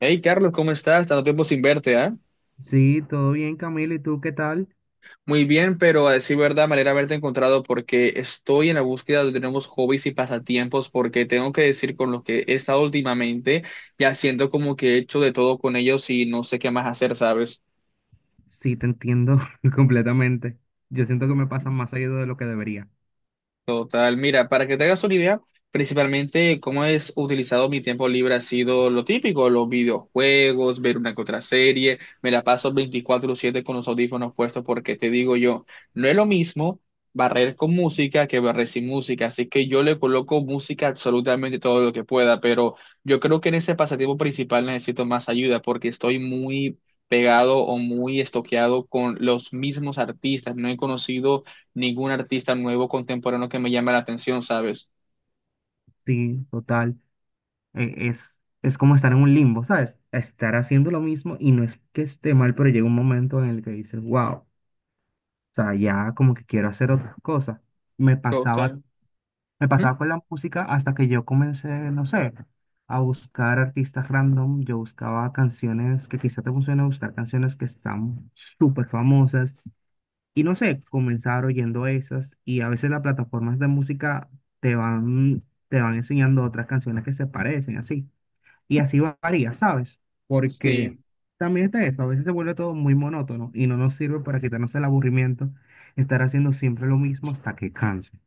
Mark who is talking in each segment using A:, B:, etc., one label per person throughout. A: Hey Carlos, ¿cómo estás? Tanto tiempo sin verte, ¿ah?
B: Sí, todo bien, Camilo. ¿Y tú qué tal?
A: Muy bien, pero a decir verdad, me alegra haberte encontrado porque estoy en la búsqueda de nuevos hobbies y pasatiempos porque tengo que decir con los que he estado últimamente, ya siento como que he hecho de todo con ellos y no sé qué más hacer, ¿sabes?
B: Sí, te entiendo completamente. Yo siento que me pasan más seguido de lo que debería.
A: Total, mira, para que te hagas una idea, principalmente cómo es utilizado mi tiempo libre ha sido lo típico, los videojuegos, ver una que otra serie, me la paso 24/7 con los audífonos puestos porque te digo yo, no es lo mismo barrer con música que barrer sin música, así que yo le coloco música absolutamente todo lo que pueda, pero yo creo que en ese pasatiempo principal necesito más ayuda porque estoy muy pegado o muy estoqueado con los mismos artistas, no he conocido ningún artista nuevo contemporáneo que me llame la atención, ¿sabes?
B: Sí, total. Es como estar en un limbo, ¿sabes? Estar haciendo lo mismo y no es que esté mal, pero llega un momento en el que dices, wow, o sea, ya como que quiero hacer otras cosas. Me pasaba,
A: Total.
B: me
A: Ujú.
B: pasaba con la música hasta que yo comencé, no sé, a buscar artistas random. Yo buscaba canciones que quizá te funcionen, buscar canciones que están súper famosas. Y no sé, comenzar oyendo esas, y a veces las plataformas de música te van enseñando otras canciones que se parecen, así. Y así varía, ¿sabes? Porque
A: Sí.
B: también está eso, a veces se vuelve todo muy monótono y no nos sirve para quitarnos el aburrimiento estar haciendo siempre lo mismo hasta que canse.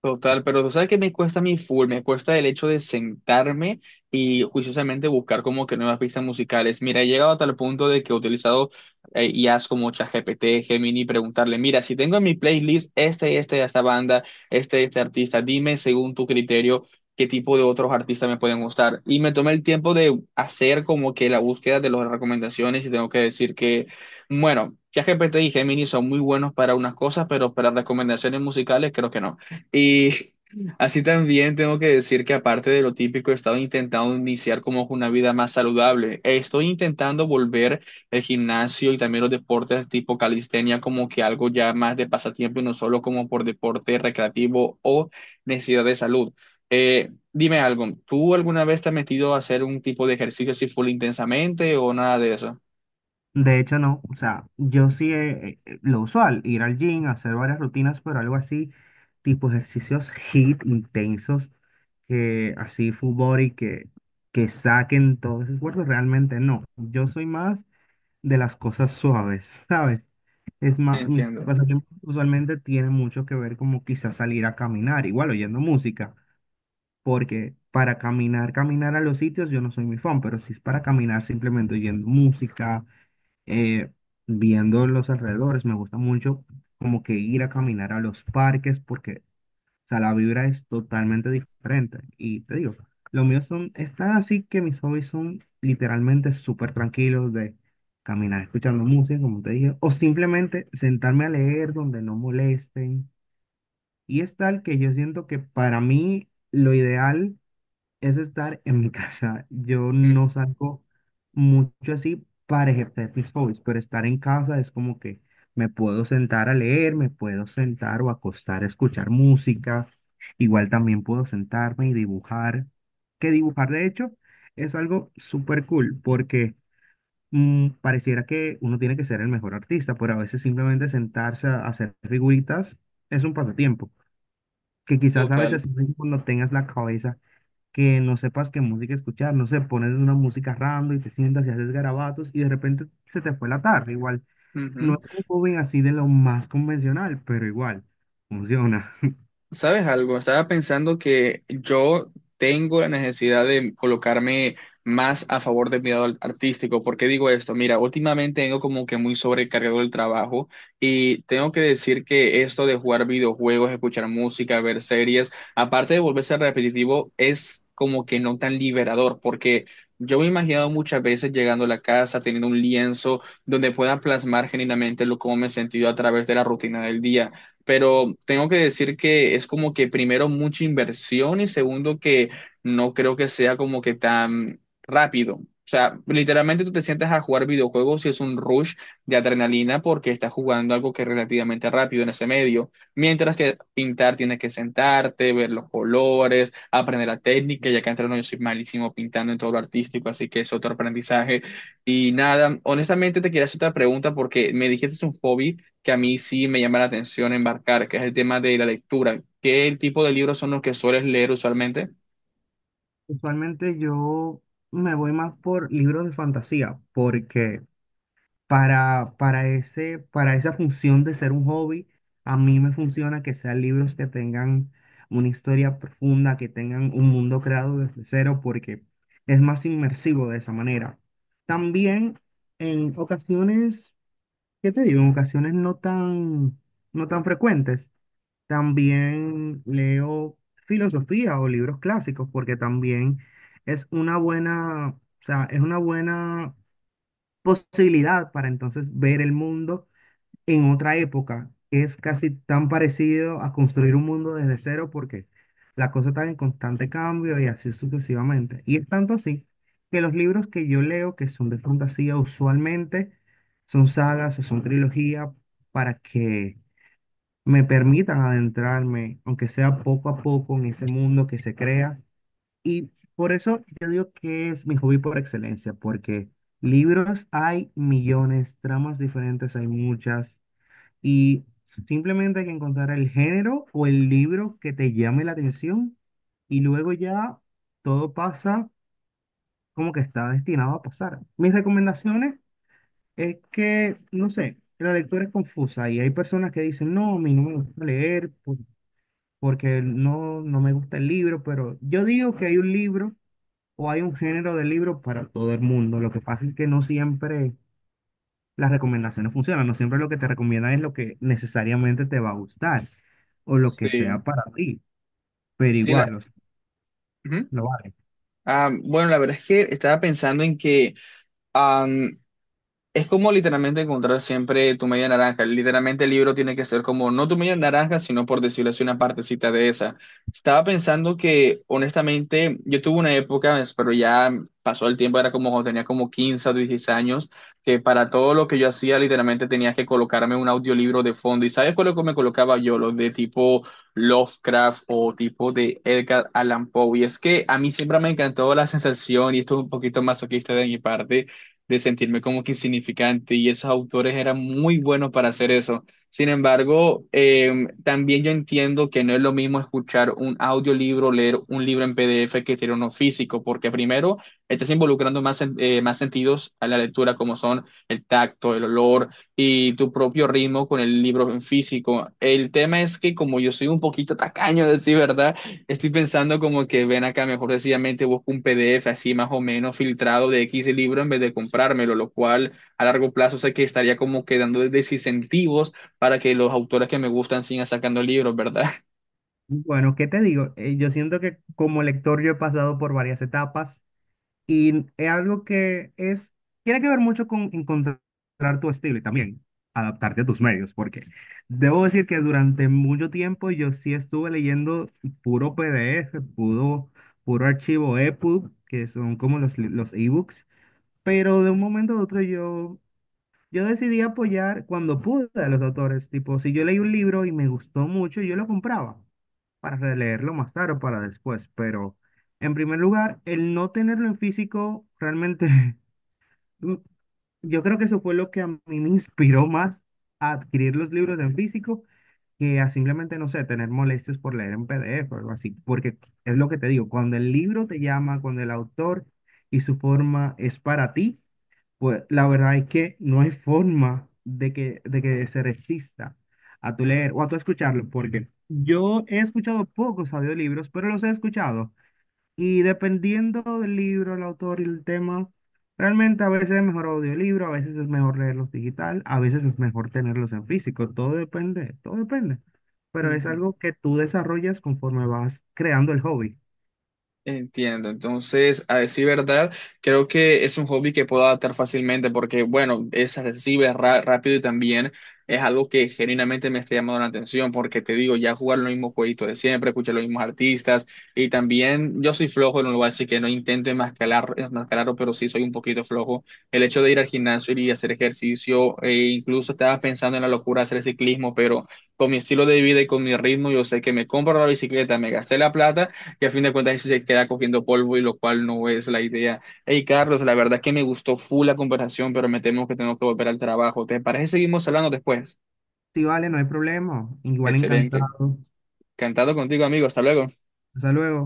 A: Total, pero tú sabes que me cuesta mi full, me cuesta el hecho de sentarme y juiciosamente buscar como que nuevas pistas musicales. Mira, he llegado a tal punto de que he utilizado IAs como ChatGPT, Gemini, preguntarle, mira, si tengo en mi playlist esta banda, este artista, dime según tu criterio qué tipo de otros artistas me pueden gustar. Y me tomé el tiempo de hacer como que la búsqueda de las recomendaciones y tengo que decir que... Bueno, ChatGPT y Gemini son muy buenos para unas cosas, pero para recomendaciones musicales creo que no. Y así también tengo que decir que aparte de lo típico, he estado intentando iniciar como una vida más saludable. Estoy intentando volver el gimnasio y también los deportes tipo calistenia como que algo ya más de pasatiempo y no solo como por deporte recreativo o necesidad de salud. Dime algo, ¿tú alguna vez te has metido a hacer un tipo de ejercicio así full intensamente o nada de eso?
B: De hecho, no. O sea, yo sí, lo usual, ir al gym, hacer varias rutinas, pero algo así, tipo ejercicios HIIT intensos, que así full body, que saquen todos esos cuerpos, realmente no. Yo soy más de las cosas suaves, ¿sabes? Es más, mis
A: Entiendo.
B: pasatiempos usualmente tienen mucho que ver como quizás salir a caminar, igual oyendo música, porque para caminar a los sitios yo no soy muy fan, pero si es para caminar simplemente oyendo música, eh, viendo los alrededores. Me gusta mucho como que ir a caminar a los parques porque, o sea, la vibra es totalmente diferente. Y te digo, los míos son, están así que mis hobbies son literalmente súper tranquilos, de caminar escuchando música, como te dije, o simplemente sentarme a leer donde no molesten. Y es tal que yo siento que para mí lo ideal es estar en mi casa. Yo
A: Mm.
B: no salgo mucho así para ejercer mis hobbies, pero estar en casa es como que me puedo sentar a leer, me puedo sentar o acostar a escuchar música. Igual también puedo sentarme y dibujar, que dibujar de hecho es algo súper cool porque mm, pareciera que uno tiene que ser el mejor artista, pero a veces simplemente sentarse a hacer figuritas es un pasatiempo, que quizás a
A: Total.
B: veces cuando tengas la cabeza que no sepas qué música escuchar, no sé, pones una música random y te sientas y haces garabatos y de repente se te fue la tarde, igual, no es un joven así de lo más convencional, pero igual, funciona.
A: ¿Sabes algo? Estaba pensando que yo tengo la necesidad de colocarme más a favor de mi lado artístico. ¿Por qué digo esto? Mira, últimamente tengo como que muy sobrecargado el trabajo y tengo que decir que esto de jugar videojuegos, escuchar música, ver series, aparte de volverse repetitivo, es como que no tan liberador, porque yo me he imaginado muchas veces llegando a la casa, teniendo un lienzo donde pueda plasmar genuinamente lo cómo me he sentido a través de la rutina del día, pero tengo que decir que es como que primero mucha inversión y segundo que no creo que sea como que tan rápido. O sea, literalmente tú te sientas a jugar videojuegos y es un rush de adrenalina porque estás jugando algo que es relativamente rápido en ese medio. Mientras que pintar tienes que sentarte, ver los colores, aprender la técnica, ya que entre no yo soy malísimo pintando en todo lo artístico, así que es otro aprendizaje. Y nada, honestamente te quería hacer otra pregunta porque me dijiste es un hobby que a mí sí me llama la atención embarcar, que es el tema de la lectura. ¿Qué tipo de libros son los que sueles leer usualmente?
B: Usualmente yo me voy más por libros de fantasía, porque para esa función de ser un hobby, a mí me funciona que sean libros que tengan una historia profunda, que tengan un mundo creado desde cero, porque es más inmersivo de esa manera. También en ocasiones, ¿qué te digo? En ocasiones no tan frecuentes, también leo filosofía o libros clásicos, porque también es una buena, o sea, es una buena posibilidad para entonces ver el mundo en otra época. Es casi tan parecido a construir un mundo desde cero porque la cosa está en constante cambio y así sucesivamente. Y es tanto así que los libros que yo leo, que son de fantasía, usualmente son sagas o son trilogías para que me permitan adentrarme, aunque sea poco a poco, en ese mundo que se crea, y por eso yo digo que es mi hobby por excelencia, porque libros hay millones, tramas diferentes hay muchas, y simplemente hay que encontrar el género o el libro que te llame la atención, y luego ya todo pasa como que está destinado a pasar. Mis recomendaciones es que, no sé, la lectura es confusa y hay personas que dicen, no, a mí no me gusta leer porque no, no me gusta el libro, pero yo digo que hay un libro o hay un género de libro para todo el mundo. Lo que pasa es que no siempre las recomendaciones funcionan, no siempre lo que te recomiendan es lo que necesariamente te va a gustar o lo que
A: Sí,
B: sea para ti, pero
A: sí,
B: igual, o sea,
A: ujú.
B: lo vale.
A: Ah, bueno, la verdad es que estaba pensando en que es como literalmente encontrar siempre tu media naranja. Literalmente el libro tiene que ser como no tu media naranja, sino por decirlo así, una partecita de esa. Estaba pensando que, honestamente, yo tuve una época, pero ya pasó el tiempo, era como cuando tenía como 15 o 16 años, que para todo lo que yo hacía, literalmente tenía que colocarme un audiolibro de fondo. ¿Y sabes cuál es lo que me colocaba yo? Los de tipo Lovecraft o tipo de Edgar Allan Poe. Y es que a mí siempre me encantó la sensación, y esto es un poquito masoquista de mi parte de sentirme como que insignificante y esos autores eran muy buenos para hacer eso. Sin embargo, también yo entiendo que no es lo mismo escuchar un audiolibro, leer un libro en PDF que tener uno físico, porque primero estás involucrando más, más sentidos a la lectura, como son el tacto, el olor y tu propio ritmo con el libro en físico. El tema es que como yo soy un poquito tacaño, decir verdad, estoy pensando como que ven acá, mejor sencillamente busco un PDF así más o menos filtrado de X libro en vez de comprármelo, lo cual a largo plazo sé que estaría como quedando desincentivos para que los autores que me gustan sigan sacando libros, ¿verdad?
B: Bueno, ¿qué te digo? Yo siento que como lector yo he pasado por varias etapas. Y es algo que tiene que ver mucho con encontrar tu estilo y también adaptarte a tus medios, porque debo decir que durante mucho tiempo yo sí estuve leyendo puro PDF, puro archivo EPUB, que son como los ebooks, pero de un momento a otro yo decidí apoyar cuando pude a los autores, tipo, si yo leí un libro y me gustó mucho, yo lo compraba para releerlo más tarde o para después, pero en primer lugar, el no tenerlo en físico realmente, mm, yo creo que eso fue lo que a mí me inspiró más a adquirir los libros en físico que a simplemente, no sé, tener molestias por leer en PDF o algo así, porque es lo que te digo, cuando el libro te llama, cuando el autor y su forma es para ti, pues la verdad es que no hay forma de de que se resista a tu leer o a tu escucharlo, porque yo he escuchado pocos audiolibros, pero los he escuchado. Y dependiendo del libro, el autor y el tema, realmente a veces es mejor audiolibro, a veces es mejor leerlos digital, a veces es mejor tenerlos en físico. Todo depende, todo depende. Pero es algo que tú desarrollas conforme vas creando el hobby.
A: Entiendo, entonces, a decir verdad, creo que es un hobby que puedo adaptar fácilmente porque, bueno, es accesible, rápido y también es algo que genuinamente me está llamando la atención porque te digo, ya jugar los mismos jueguitos de siempre, escuchar los mismos artistas y también yo soy flojo en un lugar, así que no intento enmascararlo, pero sí soy un poquito flojo. El hecho de ir al gimnasio y hacer ejercicio, e incluso estaba pensando en la locura de hacer ciclismo, pero con mi estilo de vida y con mi ritmo, yo sé que me compro la bicicleta, me gasté la plata que a fin de cuentas sí se queda cogiendo polvo y lo cual no es la idea. Hey, Carlos, la verdad es que me gustó full la conversación, pero me temo que tengo que volver al trabajo. ¿Te parece que seguimos hablando después?
B: Si vale, no hay problema. Igual
A: Excelente.
B: encantado.
A: Cantado contigo, amigo. Hasta luego.
B: Hasta luego.